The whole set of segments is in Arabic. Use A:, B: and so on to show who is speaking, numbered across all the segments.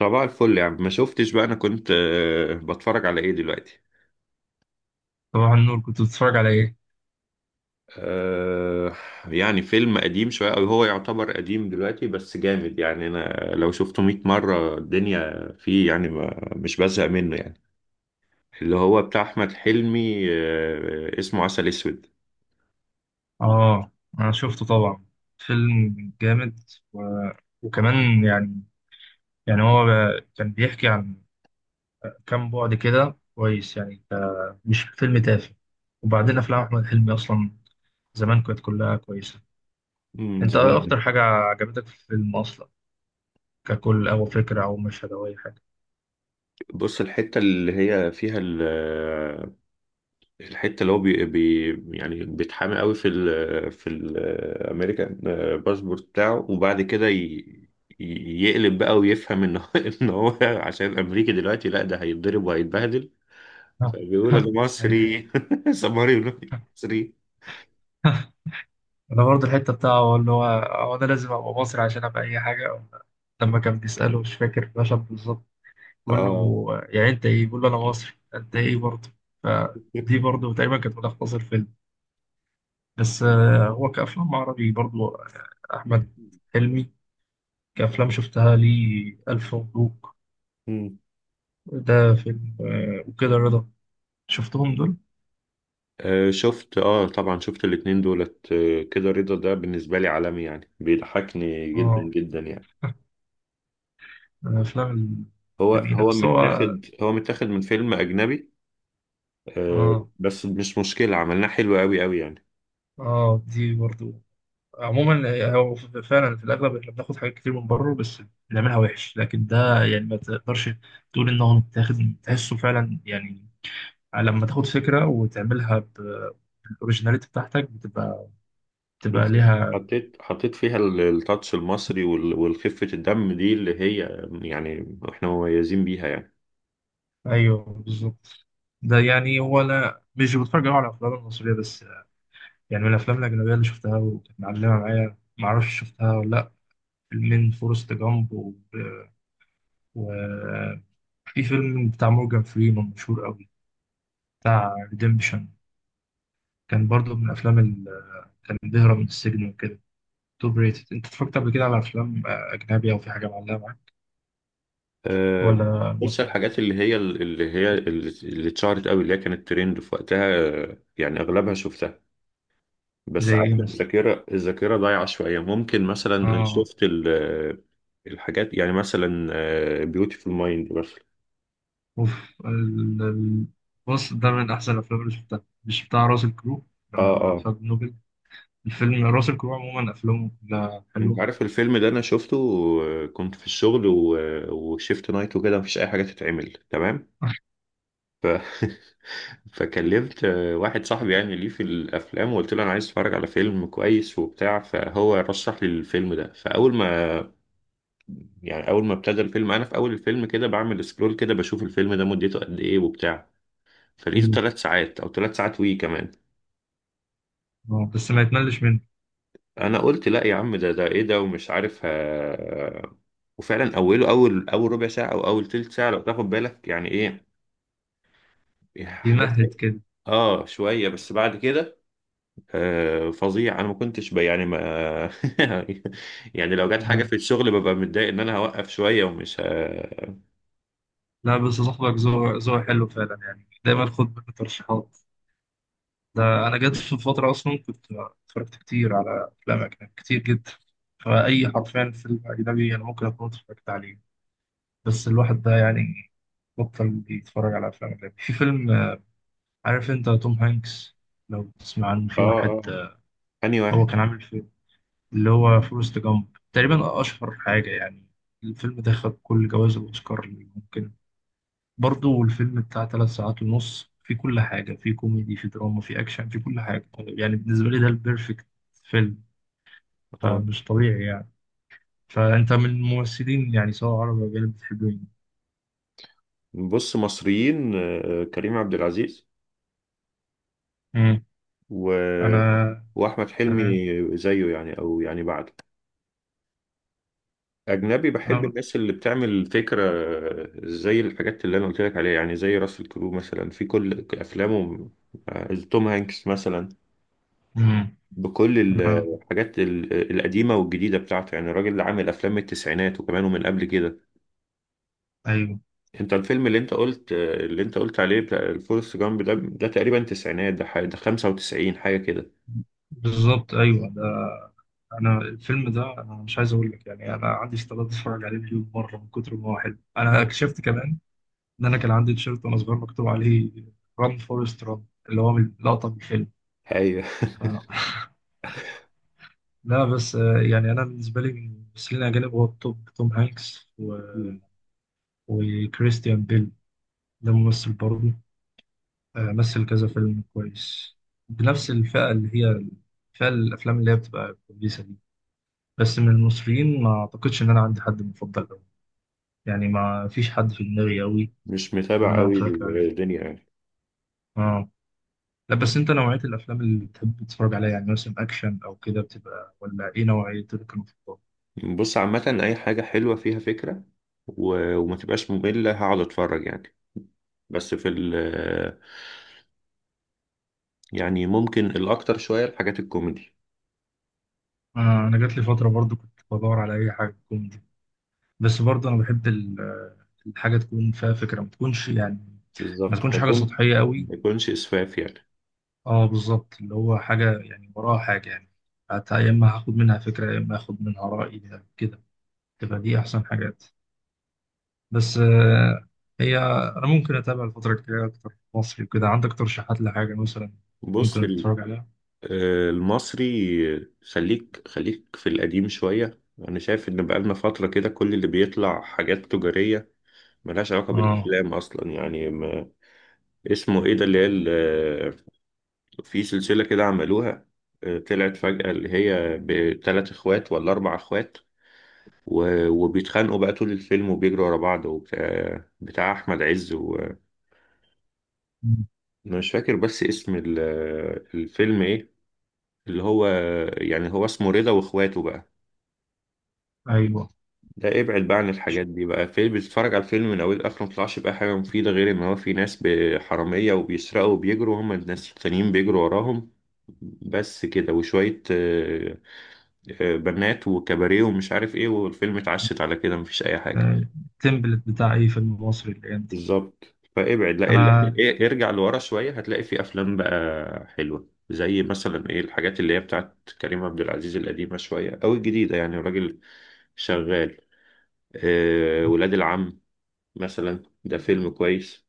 A: صباح الفل يا عم، ما شفتش بقى. انا كنت بتفرج على ايه دلوقتي.
B: صباح النور، كنت بتتفرج على ايه؟
A: آه يعني فيلم قديم شوية، او هو يعتبر قديم دلوقتي، بس جامد يعني. انا لو شفته 100 مرة الدنيا فيه، يعني ما مش بزهق منه يعني. اللي هو بتاع احمد حلمي، آه، اسمه عسل اسود.
B: اه. انا شفته طبعا. فيلم جامد. و... وكمان يعني هو كان بيحكي عن كام بعد كده كويس، يعني مش فيلم تافه. وبعدين افلام احمد حلمي اصلا زمان كانت كلها كويسه. انت
A: زمان
B: ايه
A: ده.
B: اكتر حاجه عجبتك في الفيلم اصلا ككل، او فكره او مشهد او اي حاجه؟
A: بص، الحتة اللي هي فيها، الحته اللي هو بي بي يعني بيتحامي قوي في الامريكان، باسبورت بتاعه، وبعد كده يقلب بقى ويفهم ان هو ان هو عشان امريكي دلوقتي، لا ده هيتضرب وهيتبهدل. فبيقول انا
B: ايوه،
A: مصري سماري، مصري.
B: انا برضه الحته بتاعه اللي هو انا لازم ابقى مصري عشان ابقى اي حاجه. لما كان بيساله، مش فاكر المشهد بالظبط، بقول
A: اه.
B: له يعني انت ايه، بقول له انا مصري انت ايه برضه. فدي برضه تقريبا كانت ملخص الفيلم. بس هو كأفلام عربي برضه أحمد حلمي، كأفلام شفتها ليه ألف مبروك.
A: مم.
B: ده فيلم وكده رضا، شفتهم دول؟
A: آه، شفت. اه طبعا شفت الاتنين دولت. آه، كده رضا ده بالنسبة لي عالمي يعني، بيضحكني جدا
B: اه.
A: جدا يعني.
B: من الأفلام
A: هو
B: الجميلة.
A: هو
B: بس هو،
A: متاخد هو متاخد من فيلم أجنبي. آه،
B: اه،
A: بس مش مشكلة، عملناه حلو قوي يعني.
B: اه، دي برضه. عموما هو فعلا في الاغلب احنا بناخد حاجات كتير من بره، بس بنعملها وحش. لكن ده يعني ما تقدرش تقول ان هو متاخد، تحسه فعلا يعني لما تاخد فكره وتعملها بالاوريجيناليتي بتاعتك، بتبقى
A: بالظبط،
B: ليها.
A: حطيت فيها التاتش المصري والخفة الدم دي اللي هي يعني احنا مميزين بيها يعني.
B: ايوه بالظبط. ده يعني هو انا مش بتفرج أوي على الافلام المصريه، بس يعني من الافلام الاجنبيه اللي شفتها وكانت معلمه معايا، ما اعرفش شفتها ولا لا، فيلمين: فورست جامب وفي فيلم بتاع مورجان فريمان مشهور قوي، بتاع ريديمبشن. كان برضو من الافلام اللي كان بيهرب من السجن وكده، توب ريتد. انت اتفرجت قبل كده على افلام اجنبي او في حاجه معلقه معاك،
A: آه،
B: ولا
A: بص،
B: مصري كده؟
A: الحاجات اللي اتشهرت قوي، اللي هي كانت ترند في وقتها، آه، يعني اغلبها شفتها.
B: زي
A: بس
B: ايه
A: عارف،
B: مثلا؟
A: الذاكرة ضايعة شوية. ممكن مثلا
B: اه،
A: شفت الحاجات، يعني مثلا بيوتيفول مايند مثلا.
B: اوف. ال... ال- بص ده من احسن الافلام اللي شفتها، مش بتاع راسل كرو
A: اه
B: لما
A: آه.
B: خد نوبل؟ الفيلم راسل كرو عموما افلامه كلها
A: انت
B: حلوه.
A: عارف الفيلم ده انا شفته. آه، كنت في الشغل وشيفت نايت وكده، مفيش اي حاجه تتعمل، تمام. ف... فكلمت واحد صاحبي يعني ليه في الافلام، وقلت له انا عايز اتفرج على فيلم كويس وبتاع، فهو رشح لي الفيلم ده. فاول ما يعني اول ما ابتدى الفيلم، انا في اول الفيلم كده بعمل سكرول كده، بشوف الفيلم ده مدته قد ايه وبتاع. فلقيته
B: مم.
A: ثلاث ساعات او ثلاث ساعات وي كمان.
B: بس ما يتملش منه.
A: انا قلت لا يا عم، ده ايه ده؟ ومش عارف وفعلا اوله، اول ربع ساعه او اول تلت ساعه لو تاخد بالك، يعني ايه احداث.
B: يمهد كده.
A: اه شويه، بس بعد كده آه فظيع. انا ما كنتش يعني ما يعني لو جت حاجه
B: آه.
A: في الشغل ببقى متضايق ان انا هوقف شويه ومش
B: لا بس صاحبك ذوق ذوق حلو فعلا، يعني دايما خد منه ترشيحات. ده انا جت في فتره اصلا كنت اتفرجت كتير على افلام اجنبي، كتير جدا، فاي حرفيا فيلم اجنبي انا ممكن اكون اتفرجت عليه. بس الواحد ده يعني بطل بيتفرج على افلام اجنبي. في فيلم عارف انت توم هانكس، لو تسمع عنه، في
A: اه
B: واحد
A: اه. انهي
B: هو
A: واحد؟
B: كان عامل فيلم اللي هو فورست جامب، تقريبا اشهر حاجه يعني. الفيلم ده خد كل جوائز الاوسكار اللي ممكن. برضو الفيلم بتاع 3 ساعات ونص، في كل حاجة، في كوميدي، في دراما، في أكشن، في كل حاجة يعني. بالنسبة لي ده البيرفكت فيلم،
A: اه،
B: فمش طبيعي يعني. فأنت من الممثلين، يعني سواء عربي أو أجانب، بتحبهم؟
A: بص، مصريين آه كريم عبد العزيز
B: مم.
A: و...
B: أنا.
A: واحمد حلمي
B: أنا.
A: زيه يعني، او يعني بعده. أجنبي، بحب
B: أنا.
A: الناس اللي بتعمل فكرة، زي الحاجات اللي أنا قلت لك عليها، يعني زي راسل كرو مثلا في كل أفلامه. آه، توم هانكس مثلا،
B: مم.
A: بكل
B: أنا.
A: الحاجات القديمة والجديدة بتاعته، يعني الراجل اللي عامل أفلام من التسعينات وكمان ومن قبل كده.
B: أيوه
A: أنت الفيلم اللي أنت قلت عليه بتاع الفورست جامب ده تقريبا تسعينات، ده حاجة ده 95 حاجة كده.
B: بالظبط، أيوه ده. أنا الفيلم ده، أنا مش عايز أقول لك يعني أنا عندي استعداد أتفرج عليه مليون مرة من كتر ما هو حلو. أنا اكتشفت كمان إن أنا كان عندي تيشيرت وأنا صغير مكتوب عليه "ران فورست ران"، اللي هو من لقطة من الفيلم.
A: أيوه.
B: لا بس يعني انا بالنسبه لي من الممثلين الاجانب هو التوب توم هانكس وكريستيان بيل. ده ممثل برضه، مثل كذا فيلم كويس بنفس الفئه، اللي هي فئه الافلام اللي هي بتبقى كويسه دي. بس من المصريين ما اعتقدش ان انا عندي حد مفضل قوي، يعني ما فيش حد في دماغي قوي
A: مش
B: ان
A: متابع
B: انا
A: قوي
B: اتفرجت عليه.
A: الدنيا يعني.
B: اه. لا بس انت نوعيه الافلام اللي بتحب تتفرج عليها، يعني مثلا اكشن او كده بتبقى، ولا ايه نوعيه المفضله؟
A: بص، عامة أي حاجة حلوة فيها فكرة وما تبقاش مملة، هقعد أتفرج يعني. بس في ال يعني ممكن الأكتر شوية الحاجات الكوميدي.
B: انا جات لي فتره برضو كنت بدور على اي حاجه كوميدي، بس برضه انا بحب الحاجه تكون فيها فكره، ما تكونش يعني ما
A: بالظبط،
B: تكونش حاجه سطحيه قوي.
A: ما يكونش إسفاف يعني.
B: اه بالظبط، اللي هو حاجه يعني وراها حاجه، يعني حتى يا اما هاخد منها فكره يا اما هاخد منها راي كده، تبقى دي احسن حاجات. بس هي انا ممكن اتابع الفتره الجايه اكتر مصري وكده. عندك ترشيحات لحاجه مثلا
A: بص
B: ممكن اتفرج عليها؟
A: آه، المصري، خليك في القديم شوية. أنا شايف إن بقالنا فترة كده كل اللي بيطلع حاجات تجارية ملهاش علاقة
B: اه.
A: بالأفلام أصلا يعني ما. اسمه إيه ده اللي هي، في سلسلة كده عملوها، آه، طلعت فجأة، اللي هي بتلات اخوات ولا اربع اخوات وبيتخانقوا بقى طول الفيلم وبيجروا ورا بعض وبتاع، بتاع احمد عز وانا
B: مم.
A: مش فاكر بس اسم الفيلم ايه، اللي هو يعني هو اسمه رضا واخواته بقى.
B: ايوه.
A: ده ابعد بقى عن الحاجات دي بقى، فيلم بتتفرج على الفيلم من اوله لاخره مطلعش بقى حاجة مفيدة، غير ان هو في ناس حرامية وبيسرقوا وبيجروا، هما الناس التانيين بيجروا وراهم. بس كده، وشوية آه، آه، بنات وكباريه ومش عارف ايه، والفيلم اتعشت على كده، مفيش اي حاجه.
B: التمبلت بتاع اي فيلم مصري الايام دي.
A: بالظبط. فابعد لا
B: انا
A: إيه، ارجع لورا شويه هتلاقي في افلام بقى حلوه، زي مثلا ايه الحاجات اللي هي بتاعت كريم عبد العزيز القديمه شويه او الجديده، يعني الراجل شغال. آه، ولاد العم مثلا، ده فيلم كويس.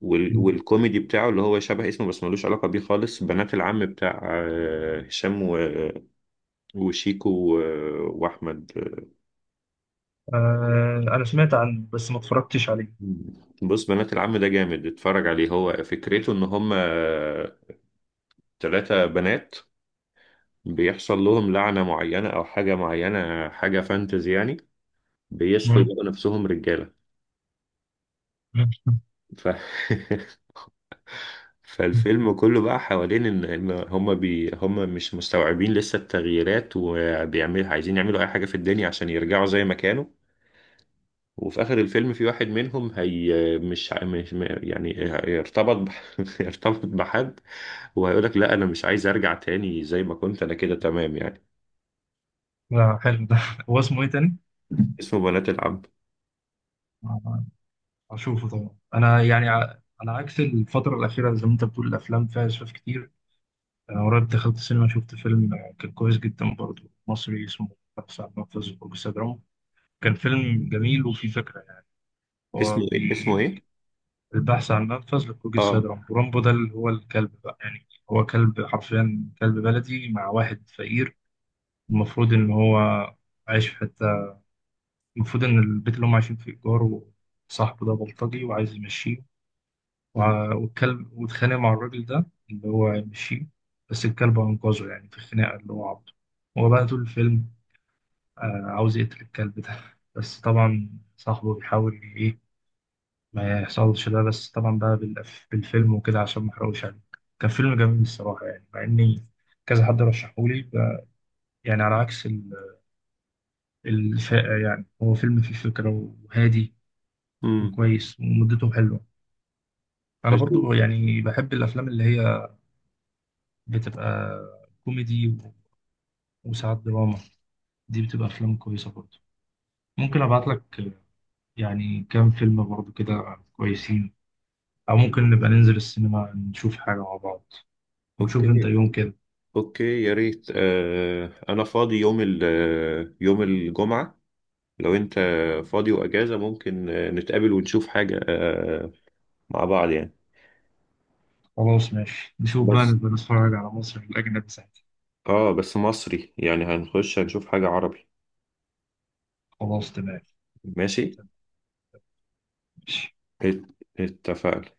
A: والكوميدي بتاعه اللي هو شبه اسمه بس ملوش علاقه بيه خالص، بنات العم، بتاع آه، هشام وشيكو واحمد.
B: انا سمعت عنه بس ما اتفرجتش عليه.
A: بص، بنات العم ده جامد، اتفرج عليه. هو فكرته ان هم ثلاثة بنات بيحصل لهم لعنة معينة او حاجة معينة، حاجة فانتزي يعني، بيصحوا
B: مم.
A: يلاقوا نفسهم رجالة.
B: مم.
A: ف... فالفيلم كله بقى حوالين ان هم مش مستوعبين لسه التغييرات، وبيعمل عايزين يعملوا اي حاجة في الدنيا عشان يرجعوا زي ما كانوا. وفي آخر الفيلم، في واحد منهم هي، مش مش يعني يرتبط يرتبط بحد، وهيقول لك لا أنا مش عايز أرجع تاني، زي ما كنت أنا كده تمام يعني.
B: لا حلو ده. هو اسمه ايه تاني؟
A: اسمه بنات العم.
B: آه، هشوفه طبعا. انا يعني على عكس الفترة الأخيرة، زي ما انت بتقول الافلام فيها اسفاف كتير. انا قريب دخلت السينما، شفت فيلم كان كويس جدا برضه، مصري، اسمه "البحث عن منفذ لخروج السيد". كان فيلم
A: مم.
B: جميل وفيه فكرة يعني. هو
A: اسمه إيه اسمه إيه؟
B: البحث عن منفذ لخروج السيد
A: آه.
B: رامبو. رامبو ده اللي هو الكلب بقى، يعني هو كلب حرفيا، كلب بلدي مع واحد فقير. المفروض إن هو عايش في حتة، المفروض إن البيت اللي هم عايشين فيه إيجار، وصاحبه ده بلطجي وعايز يمشيه،
A: مم.
B: والكلب واتخانق مع الراجل ده اللي هو يمشيه، بس الكلب أنقذه يعني في الخناقة، اللي هو عبده. هو بقى طول الفيلم عاوز يقتل الكلب ده بس طبعا صاحبه بيحاول إيه ما يحصلش ده. بس طبعا بقى بالفيلم وكده، عشان ما أحرقوش عليك، كان فيلم جميل الصراحة يعني، مع إني كذا حد رشحهولي، يعني على عكس الفاقة يعني. هو فيلم فيه فكرة، وهادي،
A: امم
B: وكويس، ومدته حلوة. أنا برضو
A: هشوفه.
B: يعني بحب الأفلام اللي هي بتبقى كوميدي وساعات دراما، دي بتبقى أفلام كويسة برضو. ممكن أبعت لك يعني كام فيلم برضو كده كويسين، أو ممكن نبقى ننزل السينما نشوف حاجة مع بعض. نشوف أنت
A: اوكي،
B: يوم كده.
A: اوكي يا ريت. آه انا فاضي يوم ال آه، يوم الجمعة، لو انت فاضي واجازة، ممكن آه، نتقابل ونشوف حاجة آه مع بعض يعني.
B: خلاص ماشي، نشوف بقى،
A: بس
B: نبقى نتفرج على مصر في الأجنبي ساعتها.
A: اه، بس مصري يعني، هنخش هنشوف حاجة عربي.
B: خلاص تمام.
A: ماشي.
B: ماشي.
A: ات- اتفقنا.